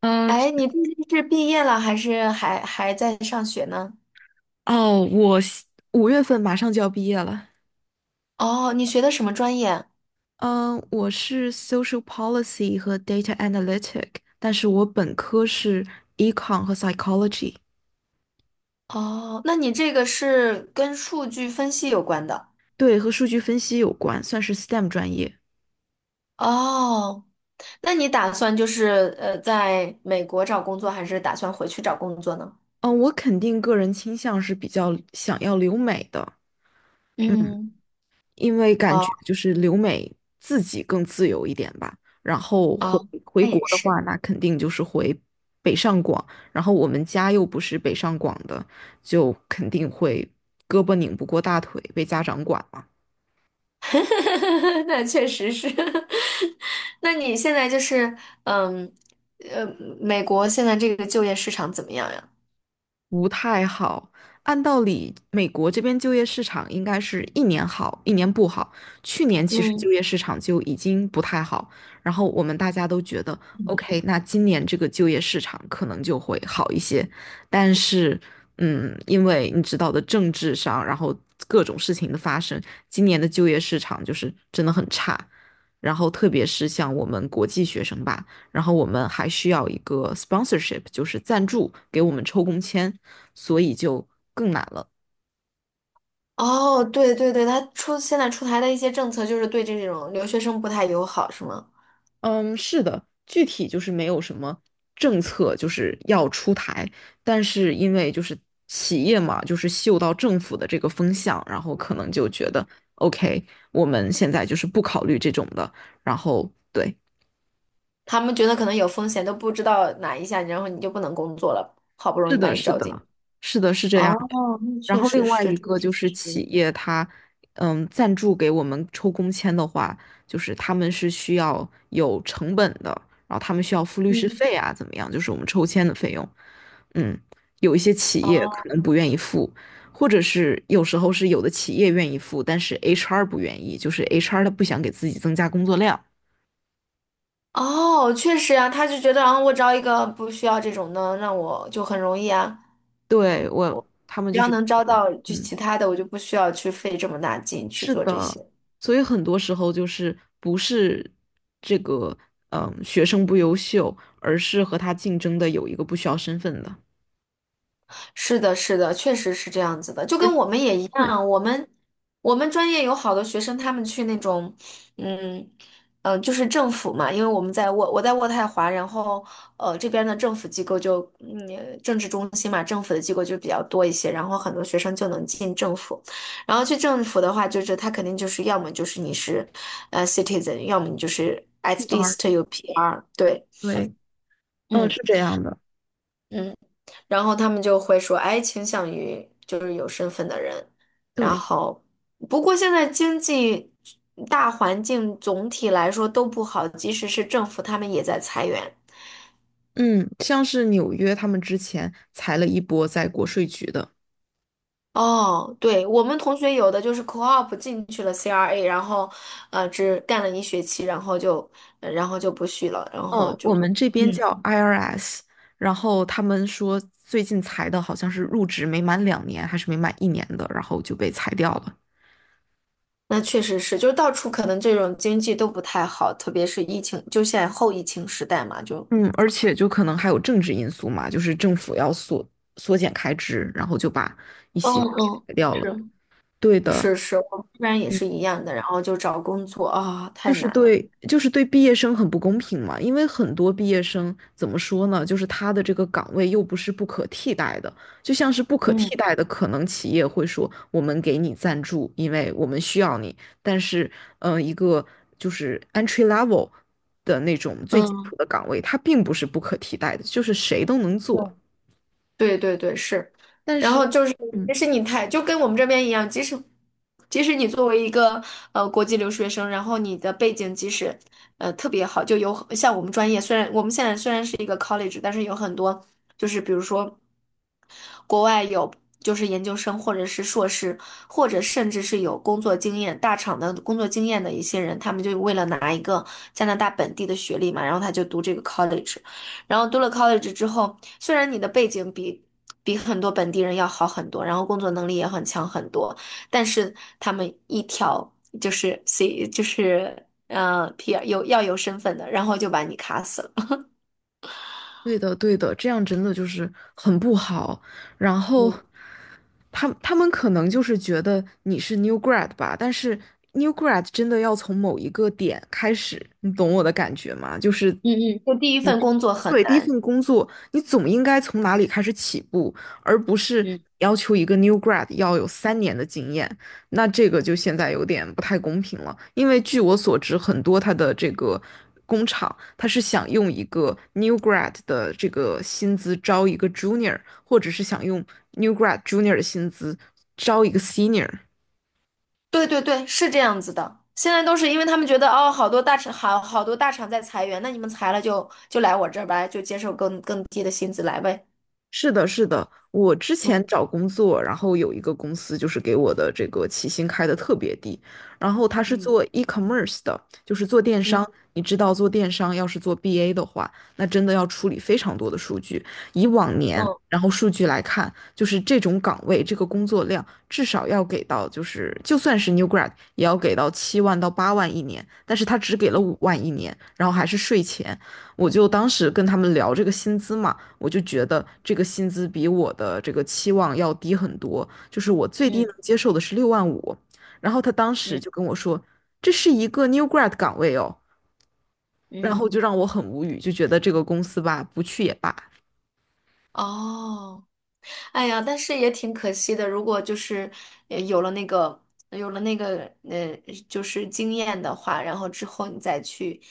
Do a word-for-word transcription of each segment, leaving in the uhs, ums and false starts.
嗯，哎，你最近是毕业了还是还还在上学呢？哦，我西五月份马上就要毕业了。哦，你学的什么专业？嗯，我是 Social Policy 和 Data Analytic，但是我本科是 Econ 和 Psychology，哦，那你这个是跟数据分析有关的。对，和数据分析有关，算是 S T E M 专业。哦，那你打算就是呃，在美国找工作，还是打算回去找工作呢？嗯，我肯定个人倾向是比较想要留美的。嗯。嗯，因为感哦觉就是留美自己更自由一点吧。然后回哦，回那也国的是。话，那肯定就是回北上广。然后我们家又不是北上广的，就肯定会胳膊拧不过大腿，被家长管嘛。那确实是。那你现在就是嗯呃，美国现在这个就业市场怎么样呀？不太好。按道理，美国这边就业市场应该是一年好，一年不好。去年其实嗯。就业市场就已经不太好，然后我们大家都觉得，OK,那今年这个就业市场可能就会好一些。但是，嗯，因为你知道的，政治上，然后各种事情的发生，今年的就业市场就是真的很差。然后，特别是像我们国际学生吧，然后我们还需要一个 sponsorship,就是赞助给我们抽工签，所以就更难了。哦，对对对，他出现在出台的一些政策就是对这种留学生不太友好，是吗？嗯，是的，具体就是没有什么政策就是要出台，但是因为就是企业嘛，就是嗅到政府的这个风向，然后可能就觉得 OK,我们现在就是不考虑这种的，然后对，他们觉得可能有风险，都不知道哪一下，然后你就不能工作了，好不容是易把的，你是招进。的，是的，是这样。哦，那然确后实另外是，一这个是就确是企实业它，嗯，赞助给我们抽工签的话，就是他们是需要有成本的，然后他们需要付律师嗯，费啊，怎么样？就是我们抽签的费用，嗯，有一些企业哦，可能不愿意付，或者是有时候是有的企业愿意付，但是 H R 不愿意，就是 H R 他不想给自己增加工作量，哦，确实啊，他就觉得，啊，我招一个不需要这种的，那我就很容易啊，对，我，他们只就要是，能招到就嗯，其他的，我就不需要去费这么大劲去是做这的，些。所以很多时候就是不是这个嗯学生不优秀，而是和他竞争的有一个不需要身份的。是的，是的，确实是这样子的，就跟我们也一对样，我们我们专业有好多学生，他们去那种，嗯嗯、呃就是政府嘛，因为我们在渥我在渥太华，然后呃这边的政府机构就嗯政治中心嘛，政府的机构就比较多一些，然后很多学生就能进政府，然后去政府的话，就是他肯定就是要么就是你是呃 citizen，要么你就是 at ，P R,least 有 P R，对，对，嗯，嗯是这样的。嗯。然后他们就会说，哎，倾向于就是有身份的人。然对，后，不过现在经济大环境总体来说都不好，即使是政府，他们也在裁员。嗯，像是纽约他们之前裁了一波在国税局的，哦，对，我们同学有的就是 co-op 进去了 C R A，然后，呃，只干了一学期，然后就，呃然后就不续了，然后哦，就，我们这边嗯，叫 I R S,然后他们说最近裁的好像是入职没满两年还是没满一年的，然后就被裁掉了。那确实是，就是到处可能这种经济都不太好，特别是疫情，就现在后疫情时代嘛，就，嗯，而且就可能还有政治因素嘛，就是政府要缩缩减开支，然后就把一嗯些给嗯。裁掉了。是。对的，是是，我们这边也是一样的，然后就找工作啊，就太是难了。对，就是对，毕业生很不公平嘛，因为很多毕业生怎么说呢，就是他的这个岗位又不是不可替代的，就像是不可替嗯代的，可能企业会说我们给你赞助，因为我们需要你，但是，嗯、呃一个就是 entry level 的那种最基嗯，础的岗位，它并不是不可替代的，就是谁都能做。对，对对对，是。但然是，后就是，即嗯，使你太，就跟我们这边一样，即使即使你作为一个呃国际留学生，然后你的背景即使呃特别好，就有像我们专业，虽然我们现在虽然是一个 college，但是有很多就是比如说。国外有就是研究生或者是硕士，或者甚至是有工作经验、大厂的工作经验的一些人，他们就为了拿一个加拿大本地的学历嘛，然后他就读这个 college，然后读了 college 之后，虽然你的背景比比很多本地人要好很多，然后工作能力也很强很多，但是他们一条就是 C 就是呃 P R 有要有身份的，然后就把你卡死了。对的，对的，这样真的就是很不好。然后，嗯他他们可能就是觉得你是 new grad 吧，但是 new grad 真的要从某一个点开始，你懂我的感觉吗？就是嗯嗯就第一份工作很对，第一难。份工作，你总应该从哪里开始起步，而不是嗯。要求一个 new grad 要有三年的经验。那这个就现在有点不太公平了，因为据我所知，很多他的这个工厂，他是想用一个 new grad 的这个薪资招一个 junior,或者是想用 new grad junior 的薪资招一个 senior。对对对，是这样子的。现在都是因为他们觉得哦，好多大厂好好多大厂在裁员，那你们裁了就就来我这儿吧，就接受更更低的薪资来呗。是的，是的，我之前嗯找工作，然后有一个公司就是给我的这个起薪开的特别低，然后他是嗯做 e-commerce 的，就是做电商。嗯你知道做电商要是做 B A 的话，那真的要处理非常多的数据。以往年，然后数据来看，就是这种岗位这个工作量至少要给到，就是就算是 new grad 也要给到七万到八万一年，但是他只给了五万一年，然后还是税前，我就当时跟他们聊这个薪资嘛，我就觉得这个薪资比我的这个期望要低很多，就是我最低嗯能接受的是六万五。然后他当嗯时嗯就跟我说，这是一个 new grad 岗位哦，然后嗯。就让我很无语，就觉得这个公司吧，不去也罢。哦，哎呀，但是也挺可惜的。如果就是呃有了那个有了那个呃，就是经验的话，然后之后你再去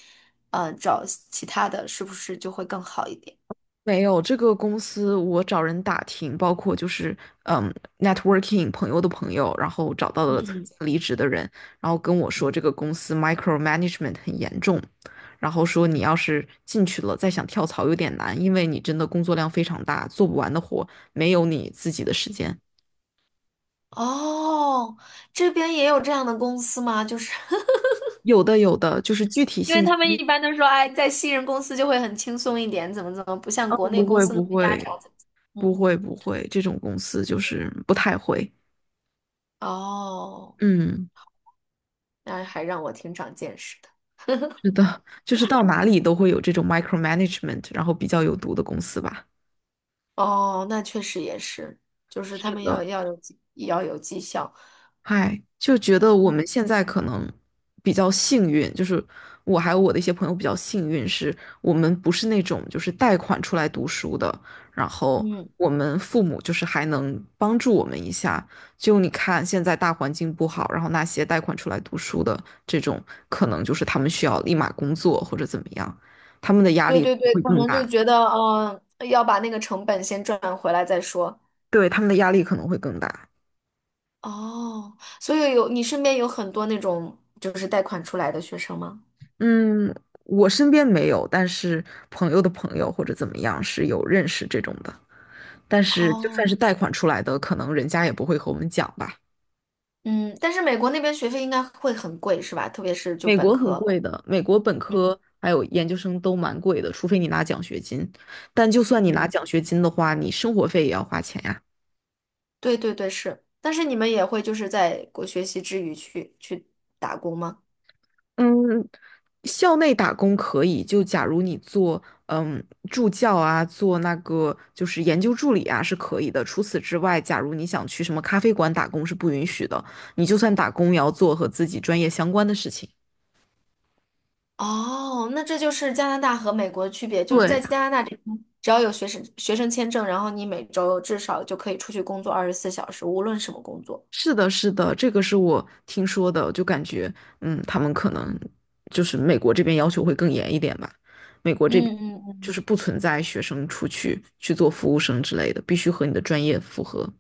呃找其他的，是不是就会更好一点？没有，这个公司我找人打听，包括就是嗯，networking 朋友的朋友，然后找到嗯了曾嗯。经离职的人，然后跟我说这个公司 micromanagement 很严重，然后说你要是进去了再想跳槽有点难，因为你真的工作量非常大，做不完的活，没有你自己的时间。哦，这边也有这样的公司吗？就是 有的有的，就是具体因为信他息们一般都说，哎，在新人公司就会很轻松一点，怎么怎么，不像国内不公会司那不么压会榨，怎么怎么不嗯，会不会，这种公司就是不太会，哦，嗯。那还让我挺长见识的。是的，就是到哪里都会有这种 micromanagement,然后比较有毒的公司吧。哦，那确实也是，就是他是们的，要要有绩也要有绩效。嗨，就觉得我嗯们现在可能比较幸运，就是我还有我的一些朋友比较幸运，是我们不是那种就是贷款出来读书的，然后嗯，我们父母就是还能帮助我们一下。就你看现在大环境不好，然后那些贷款出来读书的这种，可能就是他们需要立马工作或者怎么样，他们的压对力对对，会可更能就大。觉得，嗯、要把那个成本先赚回来再说。对，他们的压力可能会更大。哦，所以有你身边有很多那种就是贷款出来的学生吗？嗯，我身边没有，但是朋友的朋友或者怎么样是有认识这种的。但是就算哦。是贷款出来的，可能人家也不会和我们讲吧。嗯，但是美国那边学费应该会很贵，是吧？特别是就美本国很科。贵的，美国本嗯，科还有研究生都蛮贵的，除非你拿奖学金。但就算你拿嗯，奖学金的话，你生活费也要花钱呀。对对对，是。但是你们也会就是在国学习之余去去打工吗？嗯，校内打工可以，就假如你做嗯助教啊，做那个就是研究助理啊是可以的。除此之外，假如你想去什么咖啡馆打工是不允许的，你就算打工也要做和自己专业相关的事情。哦，那这就是加拿大和美国的区别，就是在对，加拿大这边，只要有学生学生签证，然后你每周至少就可以出去工作二十四小时，无论什么工作。是的，是的，这个是我听说的，就感觉嗯，他们可能就是美国这边要求会更严一点吧。美国这边嗯嗯就嗯，是不存在学生出去去做服务生之类的，必须和你的专业符合。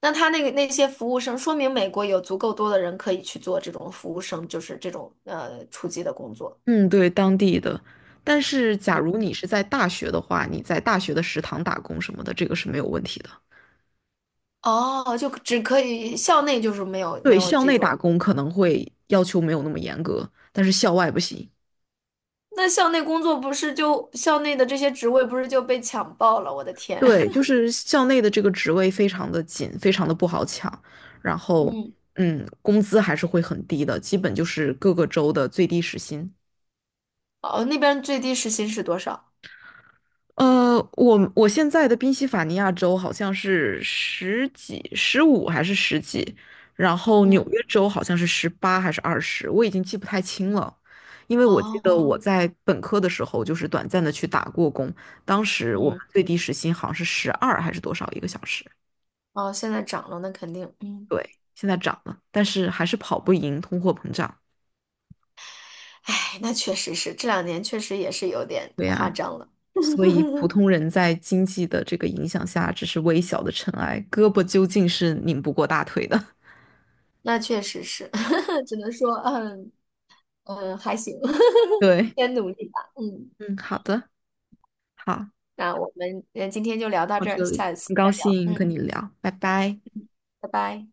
那他那个那些服务生，说明美国有足够多的人可以去做这种服务生，就是这种呃初级的工作。嗯，对，当地的。但是，假如你是在大学的话，你在大学的食堂打工什么的，这个是没有问题的。哦，就只可以校内就是没有没对，有校这内种，打工可能会要求没有那么严格，但是校外不行。那校内工作不是就校内的这些职位不是就被抢爆了？我的天，对，就是校内的这个职位非常的紧，非常的不好抢，然 后，嗯，嗯，工资还是会很低的，基本就是各个州的最低时薪。哦，那边最低时薪是多少？呃，我我现在的宾夕法尼亚州好像是十几、十五还是十几，然后纽嗯，约州好像是十八还是二十，我已经记不太清了，因为我记得哦，我在本科的时候就是短暂的去打过工，当时我们嗯，最低时薪好像是十二还是多少一个小时，哦，现在涨了，那肯定，嗯，对，现在涨了，但是还是跑不赢通货膨胀。哎，那确实是这两年确实也是有点对夸呀，张了，所以 普通人在经济的这个影响下只是微小的尘埃，胳膊究竟是拧不过大腿的。那确实是，只能说，嗯嗯，还行，对。先努力吧，嗯，嗯，好的，好，那我们呃今天就聊到到这儿，这里，下一次很高再聊，兴嗯，跟你聊，拜拜。拜拜。